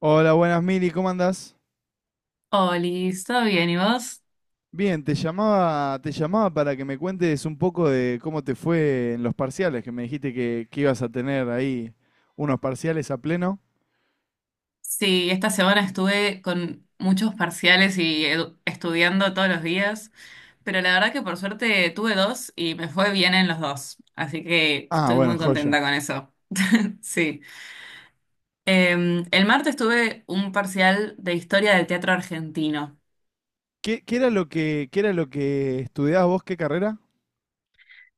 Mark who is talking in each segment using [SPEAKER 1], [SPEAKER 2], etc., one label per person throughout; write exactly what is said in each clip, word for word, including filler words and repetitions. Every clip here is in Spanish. [SPEAKER 1] Hola, buenas Mili, ¿cómo andás?
[SPEAKER 2] Oli, ¿todo bien? ¿Y vos?
[SPEAKER 1] Bien, te llamaba, te llamaba para que me cuentes un poco de cómo te fue en los parciales, que me dijiste que, que ibas a tener ahí unos parciales a pleno.
[SPEAKER 2] Sí, esta semana estuve con muchos parciales y edu- estudiando todos los días, pero la verdad que por suerte tuve dos y me fue bien en los dos, así que
[SPEAKER 1] Ah,
[SPEAKER 2] estoy
[SPEAKER 1] bueno,
[SPEAKER 2] muy contenta
[SPEAKER 1] joya.
[SPEAKER 2] con eso. Sí. Eh, el martes tuve un parcial de historia del teatro argentino.
[SPEAKER 1] ¿Qué, qué era lo que, qué era lo que estudiabas vos? ¿Qué carrera?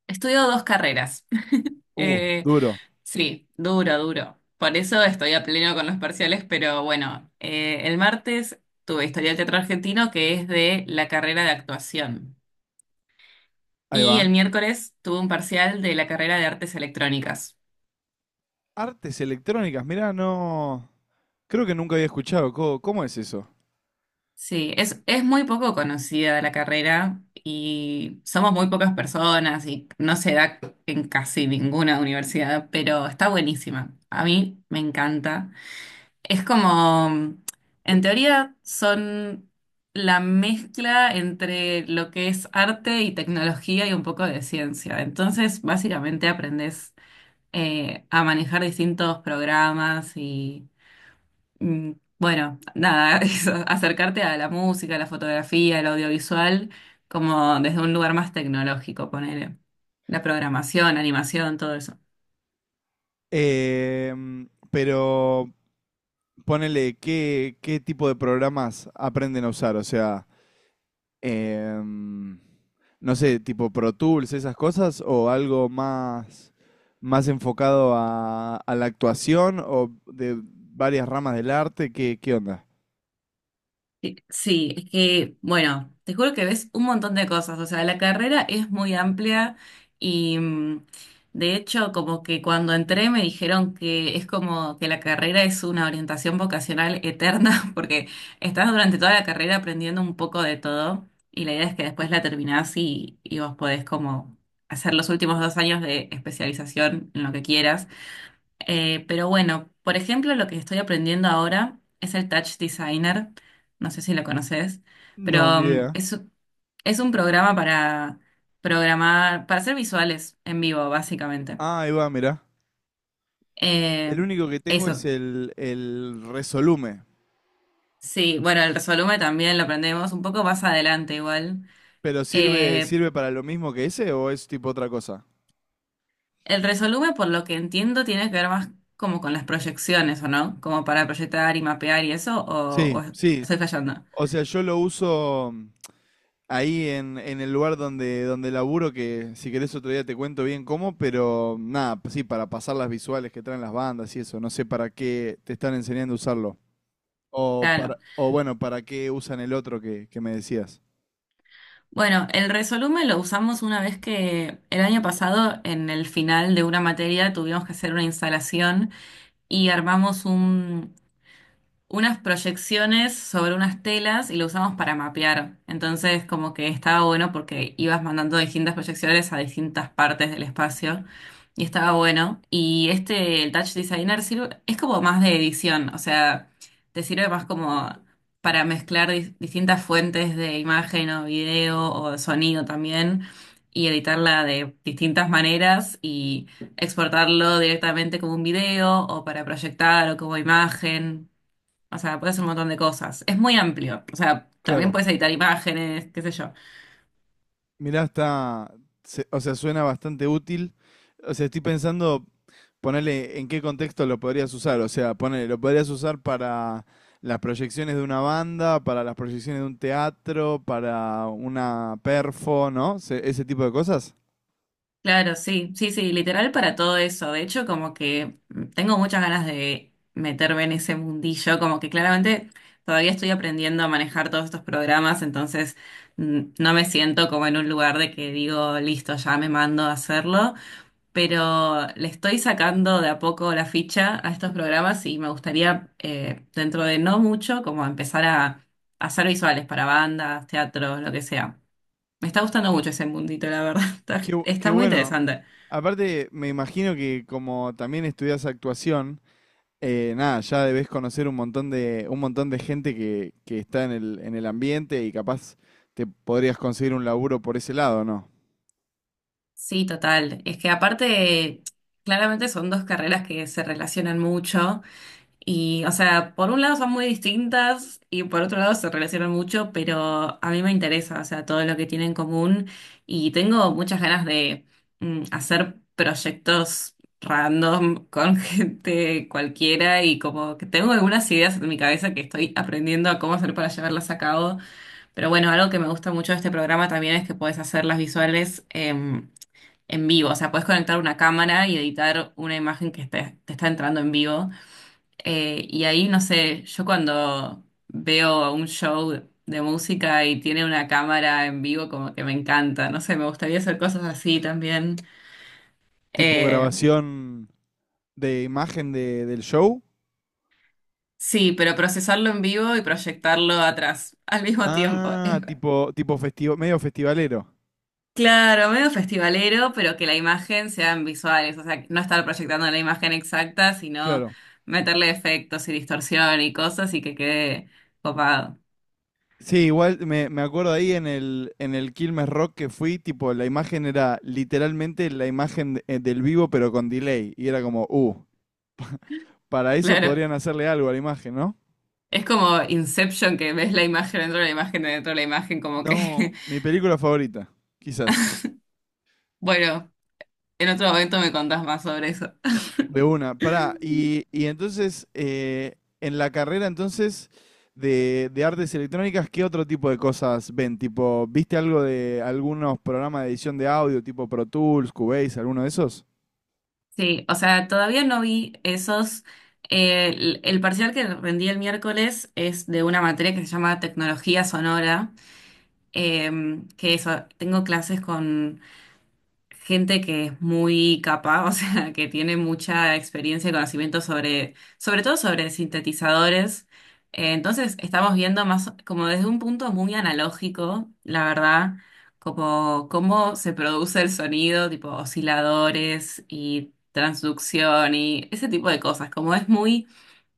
[SPEAKER 2] Estudio dos carreras.
[SPEAKER 1] Uh,
[SPEAKER 2] Eh,
[SPEAKER 1] duro.
[SPEAKER 2] Sí, duro, duro. Por eso estoy a pleno con los parciales, pero bueno, eh, el martes tuve Historia del Teatro Argentino, que es de la carrera de actuación.
[SPEAKER 1] Ahí
[SPEAKER 2] Y
[SPEAKER 1] va.
[SPEAKER 2] el miércoles tuve un parcial de la carrera de Artes Electrónicas.
[SPEAKER 1] Artes electrónicas, mirá, no. Creo que nunca había escuchado. ¿Cómo, cómo es eso?
[SPEAKER 2] Sí, es, es muy poco conocida la carrera y somos muy pocas personas y no se da en casi ninguna universidad, pero está buenísima. A mí me encanta. Es como, en teoría, son la mezcla entre lo que es arte y tecnología y un poco de ciencia. Entonces, básicamente aprendes eh, a manejar distintos programas y, mm, bueno, nada, eso, acercarte a la música, a la fotografía, el audiovisual, como desde un lugar más tecnológico, poner la programación, animación, todo eso.
[SPEAKER 1] Em, pero ponele, ¿qué, qué tipo de programas aprenden a usar? O sea. em, no sé, tipo Pro Tools, esas cosas, o algo más, más enfocado a, a la actuación o de varias ramas del arte? ¿Qué, qué onda?
[SPEAKER 2] Sí, sí, es que, bueno, te juro que ves un montón de cosas, o sea, la carrera es muy amplia y mm, de hecho como que cuando entré me dijeron que es como que la carrera es una orientación vocacional eterna porque estás durante toda la carrera aprendiendo un poco de todo y la idea es que después la terminás y, y vos podés como hacer los últimos dos años de especialización en lo que quieras. Eh, pero bueno, por ejemplo, lo que estoy aprendiendo ahora es el Touch Designer. No sé si lo conoces,
[SPEAKER 1] No, ni
[SPEAKER 2] pero mm,
[SPEAKER 1] idea.
[SPEAKER 2] es, es un programa para programar, para hacer visuales en vivo, básicamente.
[SPEAKER 1] Ah, ahí va, mirá.
[SPEAKER 2] Eh,
[SPEAKER 1] El único que tengo es
[SPEAKER 2] eso.
[SPEAKER 1] el, el Resolume.
[SPEAKER 2] Sí, bueno, el Resolume también lo aprendemos un poco más adelante igual.
[SPEAKER 1] ¿Pero sirve,
[SPEAKER 2] Eh,
[SPEAKER 1] sirve para lo mismo que ese o es tipo otra cosa?
[SPEAKER 2] el Resolume, por lo que entiendo, tiene que ver más como con las proyecciones, ¿o no? Como para proyectar y mapear y eso, o,
[SPEAKER 1] Sí,
[SPEAKER 2] o
[SPEAKER 1] sí.
[SPEAKER 2] estoy fallando.
[SPEAKER 1] O sea, yo lo uso ahí en, en el lugar donde, donde laburo, que si querés otro día te cuento bien cómo, pero nada, sí, para pasar las visuales que traen las bandas y eso. No sé para qué te están enseñando a usarlo. O, para,
[SPEAKER 2] Claro.
[SPEAKER 1] o bueno, para qué usan el otro que, que me decías.
[SPEAKER 2] Bueno, el resolumen lo usamos una vez que el año pasado en el final de una materia tuvimos que hacer una instalación y armamos un, unas proyecciones sobre unas telas y lo usamos para mapear. Entonces, como que estaba bueno porque ibas mandando distintas proyecciones a distintas partes del espacio y estaba bueno. Y este, el Touch Designer sirve, es como más de edición, o sea, te sirve más como para mezclar dis- distintas fuentes de imagen o video o sonido también, y editarla de distintas maneras y exportarlo directamente como un video o para proyectar o como imagen. O sea, puedes hacer un montón de cosas. Es muy amplio. O sea, también
[SPEAKER 1] Claro,
[SPEAKER 2] puedes editar imágenes, qué sé yo.
[SPEAKER 1] mirá, está, se- o sea, suena bastante útil. O sea, estoy pensando. Ponele en qué contexto lo podrías usar. O sea, ponele, lo podrías usar para las proyecciones de una banda, para las proyecciones de un teatro, para una perfo, ¿no? Se- ese tipo de cosas.
[SPEAKER 2] Claro, sí, sí, sí, literal para todo eso. De hecho, como que tengo muchas ganas de meterme en ese mundillo, como que claramente todavía estoy aprendiendo a manejar todos estos programas, entonces mm, no me siento como en un lugar de que digo, listo, ya me mando a hacerlo. Pero le estoy sacando de a poco la ficha a estos programas y me gustaría, eh, dentro de no mucho, como empezar a, a hacer visuales para bandas, teatros, lo que sea. Me está gustando mucho ese mundito, la verdad. Está,
[SPEAKER 1] Qué, bu- qué
[SPEAKER 2] está muy
[SPEAKER 1] bueno.
[SPEAKER 2] interesante.
[SPEAKER 1] Aparte, me imagino que como también estudias actuación, eh, nada, ya debes conocer un montón de, un montón de gente que, que está en el, en el ambiente y capaz te podrías conseguir un laburo por ese lado, ¿no?
[SPEAKER 2] Sí, total. Es que aparte, claramente son dos carreras que se relacionan mucho. Y, o sea, por un lado son muy distintas y por otro lado se relacionan mucho, pero a mí me interesa, o sea, todo lo que tienen en común, y tengo muchas ganas de mm, hacer proyectos random con gente cualquiera, y como que tengo algunas ideas en mi cabeza que estoy aprendiendo a cómo hacer para llevarlas a cabo, pero bueno, algo que me gusta mucho de este programa también es que puedes hacer las visuales em, en vivo, o sea, puedes conectar una cámara y editar una imagen que esté- te está entrando en vivo. Eh, y ahí, no sé, yo cuando veo un show de música y tiene una cámara en vivo, como que me encanta, no sé, me gustaría hacer cosas así también.
[SPEAKER 1] Tipo
[SPEAKER 2] Eh,
[SPEAKER 1] grabación de imagen de, del show.
[SPEAKER 2] sí, pero procesarlo en vivo y proyectarlo atrás al mismo tiempo. Es-
[SPEAKER 1] Ah, tipo, tipo festivo, medio festivalero,
[SPEAKER 2] Claro, medio festivalero, pero que la imagen sean visuales, o sea, no estar proyectando la imagen exacta, sino
[SPEAKER 1] claro.
[SPEAKER 2] meterle efectos y distorsión y cosas y que quede copado.
[SPEAKER 1] Sí, igual me, me acuerdo ahí en el, en el Quilmes Rock que fui, tipo, la imagen era literalmente la imagen de- eh, del vivo, pero con delay. Y era como, uh, para eso
[SPEAKER 2] Claro.
[SPEAKER 1] podrían hacerle algo a la imagen, ¿no?
[SPEAKER 2] Es como Inception, que ves la imagen dentro de la imagen dentro de la imagen, como que,
[SPEAKER 1] No, mi película favorita, quizás.
[SPEAKER 2] bueno, en otro momento me contás más sobre eso.
[SPEAKER 1] De una, pará. Y, y entonces, eh, en la carrera entonces de, de artes electrónicas, ¿qué otro tipo de cosas ven? Tipo, ¿viste algo de algunos programas de edición de audio, tipo Pro Tools, Cubase, alguno de esos?
[SPEAKER 2] Sí, o sea, todavía no vi esos. eh, el, el parcial que rendí el miércoles es de una materia que se llama Tecnología Sonora, em, que eso, tengo clases con gente que es muy capaz, o sea, que tiene mucha experiencia y conocimiento sobre, sobre todo sobre sintetizadores. Eh, entonces, estamos viendo más como desde un punto muy analógico, la verdad, como cómo se produce el sonido, tipo osciladores y transducción y ese tipo de cosas, como es muy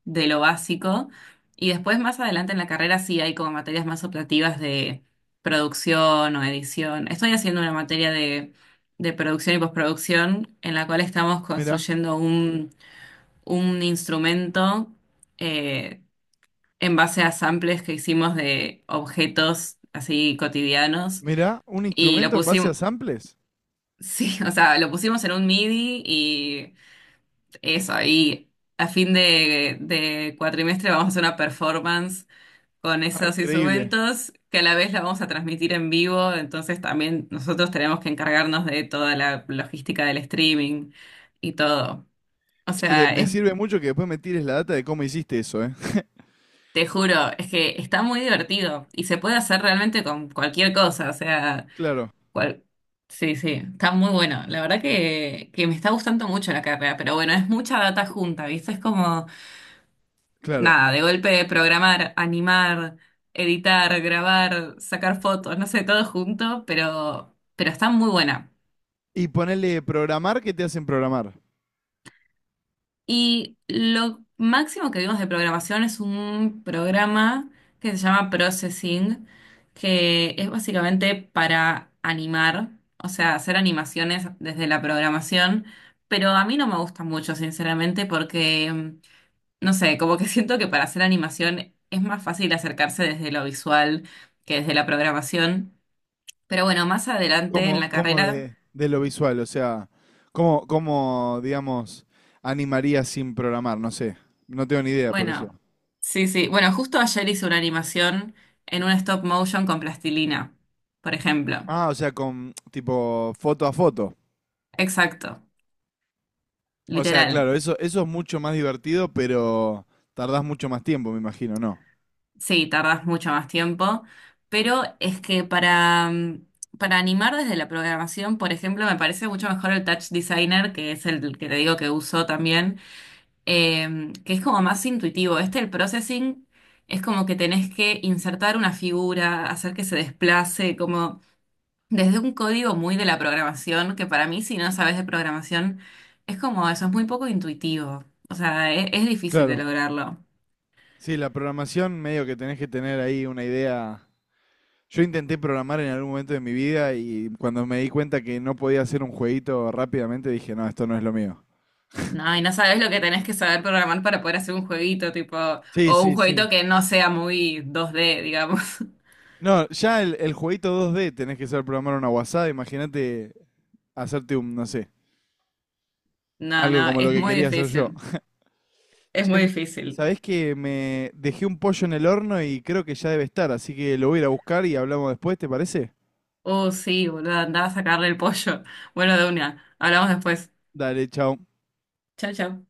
[SPEAKER 2] de lo básico. Y después, más adelante en la carrera, sí hay como materias más optativas de producción o edición. Estoy haciendo una materia de, de producción y postproducción en la cual estamos
[SPEAKER 1] Mirá,
[SPEAKER 2] construyendo un, un instrumento eh, en base a samples que hicimos de objetos así cotidianos.
[SPEAKER 1] mirá, un
[SPEAKER 2] Y lo
[SPEAKER 1] instrumento en base a
[SPEAKER 2] pusimos,
[SPEAKER 1] samples.
[SPEAKER 2] sí, o sea, lo pusimos en un MIDI y eso, y a fin de, de cuatrimestre vamos a hacer una performance con
[SPEAKER 1] Ah,
[SPEAKER 2] esos
[SPEAKER 1] increíble.
[SPEAKER 2] instrumentos que a la vez la vamos a transmitir en vivo, entonces también nosotros tenemos que encargarnos de toda la logística del streaming y todo. O
[SPEAKER 1] Che, de-
[SPEAKER 2] sea,
[SPEAKER 1] me
[SPEAKER 2] es,
[SPEAKER 1] sirve mucho que después me tires la data de cómo hiciste eso, ¿eh?
[SPEAKER 2] te juro, es que está muy divertido y se puede hacer realmente con cualquier cosa, o sea,
[SPEAKER 1] Claro,
[SPEAKER 2] cual- sí, sí, está muy bueno. La verdad que, que me está gustando mucho la carrera, pero bueno, es mucha data junta, ¿viste? Es como...
[SPEAKER 1] claro.
[SPEAKER 2] Nada, de golpe programar, animar, editar, grabar, sacar fotos, no sé, todo junto, pero, pero está muy buena.
[SPEAKER 1] Y ponele programar, ¿qué te hacen programar?
[SPEAKER 2] Y lo máximo que vimos de programación es un programa que se llama Processing, que es básicamente para animar, o sea, hacer animaciones desde la programación, pero a mí no me gusta mucho, sinceramente, porque... No sé, como que siento que para hacer animación es más fácil acercarse desde lo visual que desde la programación. Pero bueno, más adelante en
[SPEAKER 1] ¿Cómo,
[SPEAKER 2] la
[SPEAKER 1] cómo
[SPEAKER 2] carrera,
[SPEAKER 1] de, de lo visual? O sea, ¿cómo, cómo, digamos, animaría sin programar? No sé. No tengo ni idea por eso.
[SPEAKER 2] bueno, sí, sí. Bueno, justo ayer hice una animación en un stop motion con plastilina, por ejemplo.
[SPEAKER 1] Ah, o sea, con tipo foto a foto.
[SPEAKER 2] Exacto,
[SPEAKER 1] O sea,
[SPEAKER 2] literal.
[SPEAKER 1] claro, eso, eso es mucho más divertido, pero tardás mucho más tiempo, me imagino, ¿no?
[SPEAKER 2] Sí, tardas mucho más tiempo, pero es que para, mm, para animar desde la programación, por ejemplo, me parece mucho mejor el Touch Designer, que es el que te digo que uso también, eh, que es como más intuitivo. Este, el processing, es como que tenés que insertar una figura, hacer que se desplace, como desde un código muy de la programación, que para mí, si no sabes de programación, es como eso, es, muy poco intuitivo. O sea, e- es, difícil de
[SPEAKER 1] Claro.
[SPEAKER 2] lograrlo.
[SPEAKER 1] Sí, la programación medio que tenés que tener ahí una idea. Yo intenté programar en algún momento de mi vida y cuando me di cuenta que no podía hacer un jueguito rápidamente dije, no, esto no es lo mío.
[SPEAKER 2] No, y no sabes lo que tenés que saber programar para poder hacer un jueguito, tipo,
[SPEAKER 1] Sí,
[SPEAKER 2] o un
[SPEAKER 1] sí, sí.
[SPEAKER 2] jueguito que no sea muy dos D, digamos.
[SPEAKER 1] No, ya el, el jueguito dos D tenés que saber programar una guasada. Imagínate hacerte un, no sé,
[SPEAKER 2] No,
[SPEAKER 1] algo
[SPEAKER 2] no,
[SPEAKER 1] como lo
[SPEAKER 2] es
[SPEAKER 1] que
[SPEAKER 2] muy
[SPEAKER 1] quería hacer yo.
[SPEAKER 2] difícil. Es
[SPEAKER 1] Che,
[SPEAKER 2] muy
[SPEAKER 1] Mili,
[SPEAKER 2] difícil.
[SPEAKER 1] ¿sabés que me dejé un pollo en el horno y creo que ya debe estar? Así que lo voy a ir a buscar y hablamos después, ¿te parece?
[SPEAKER 2] Oh, sí, boludo, andaba a sacarle el pollo. Bueno, de una. Hablamos después.
[SPEAKER 1] Dale, chao.
[SPEAKER 2] Chao, chao.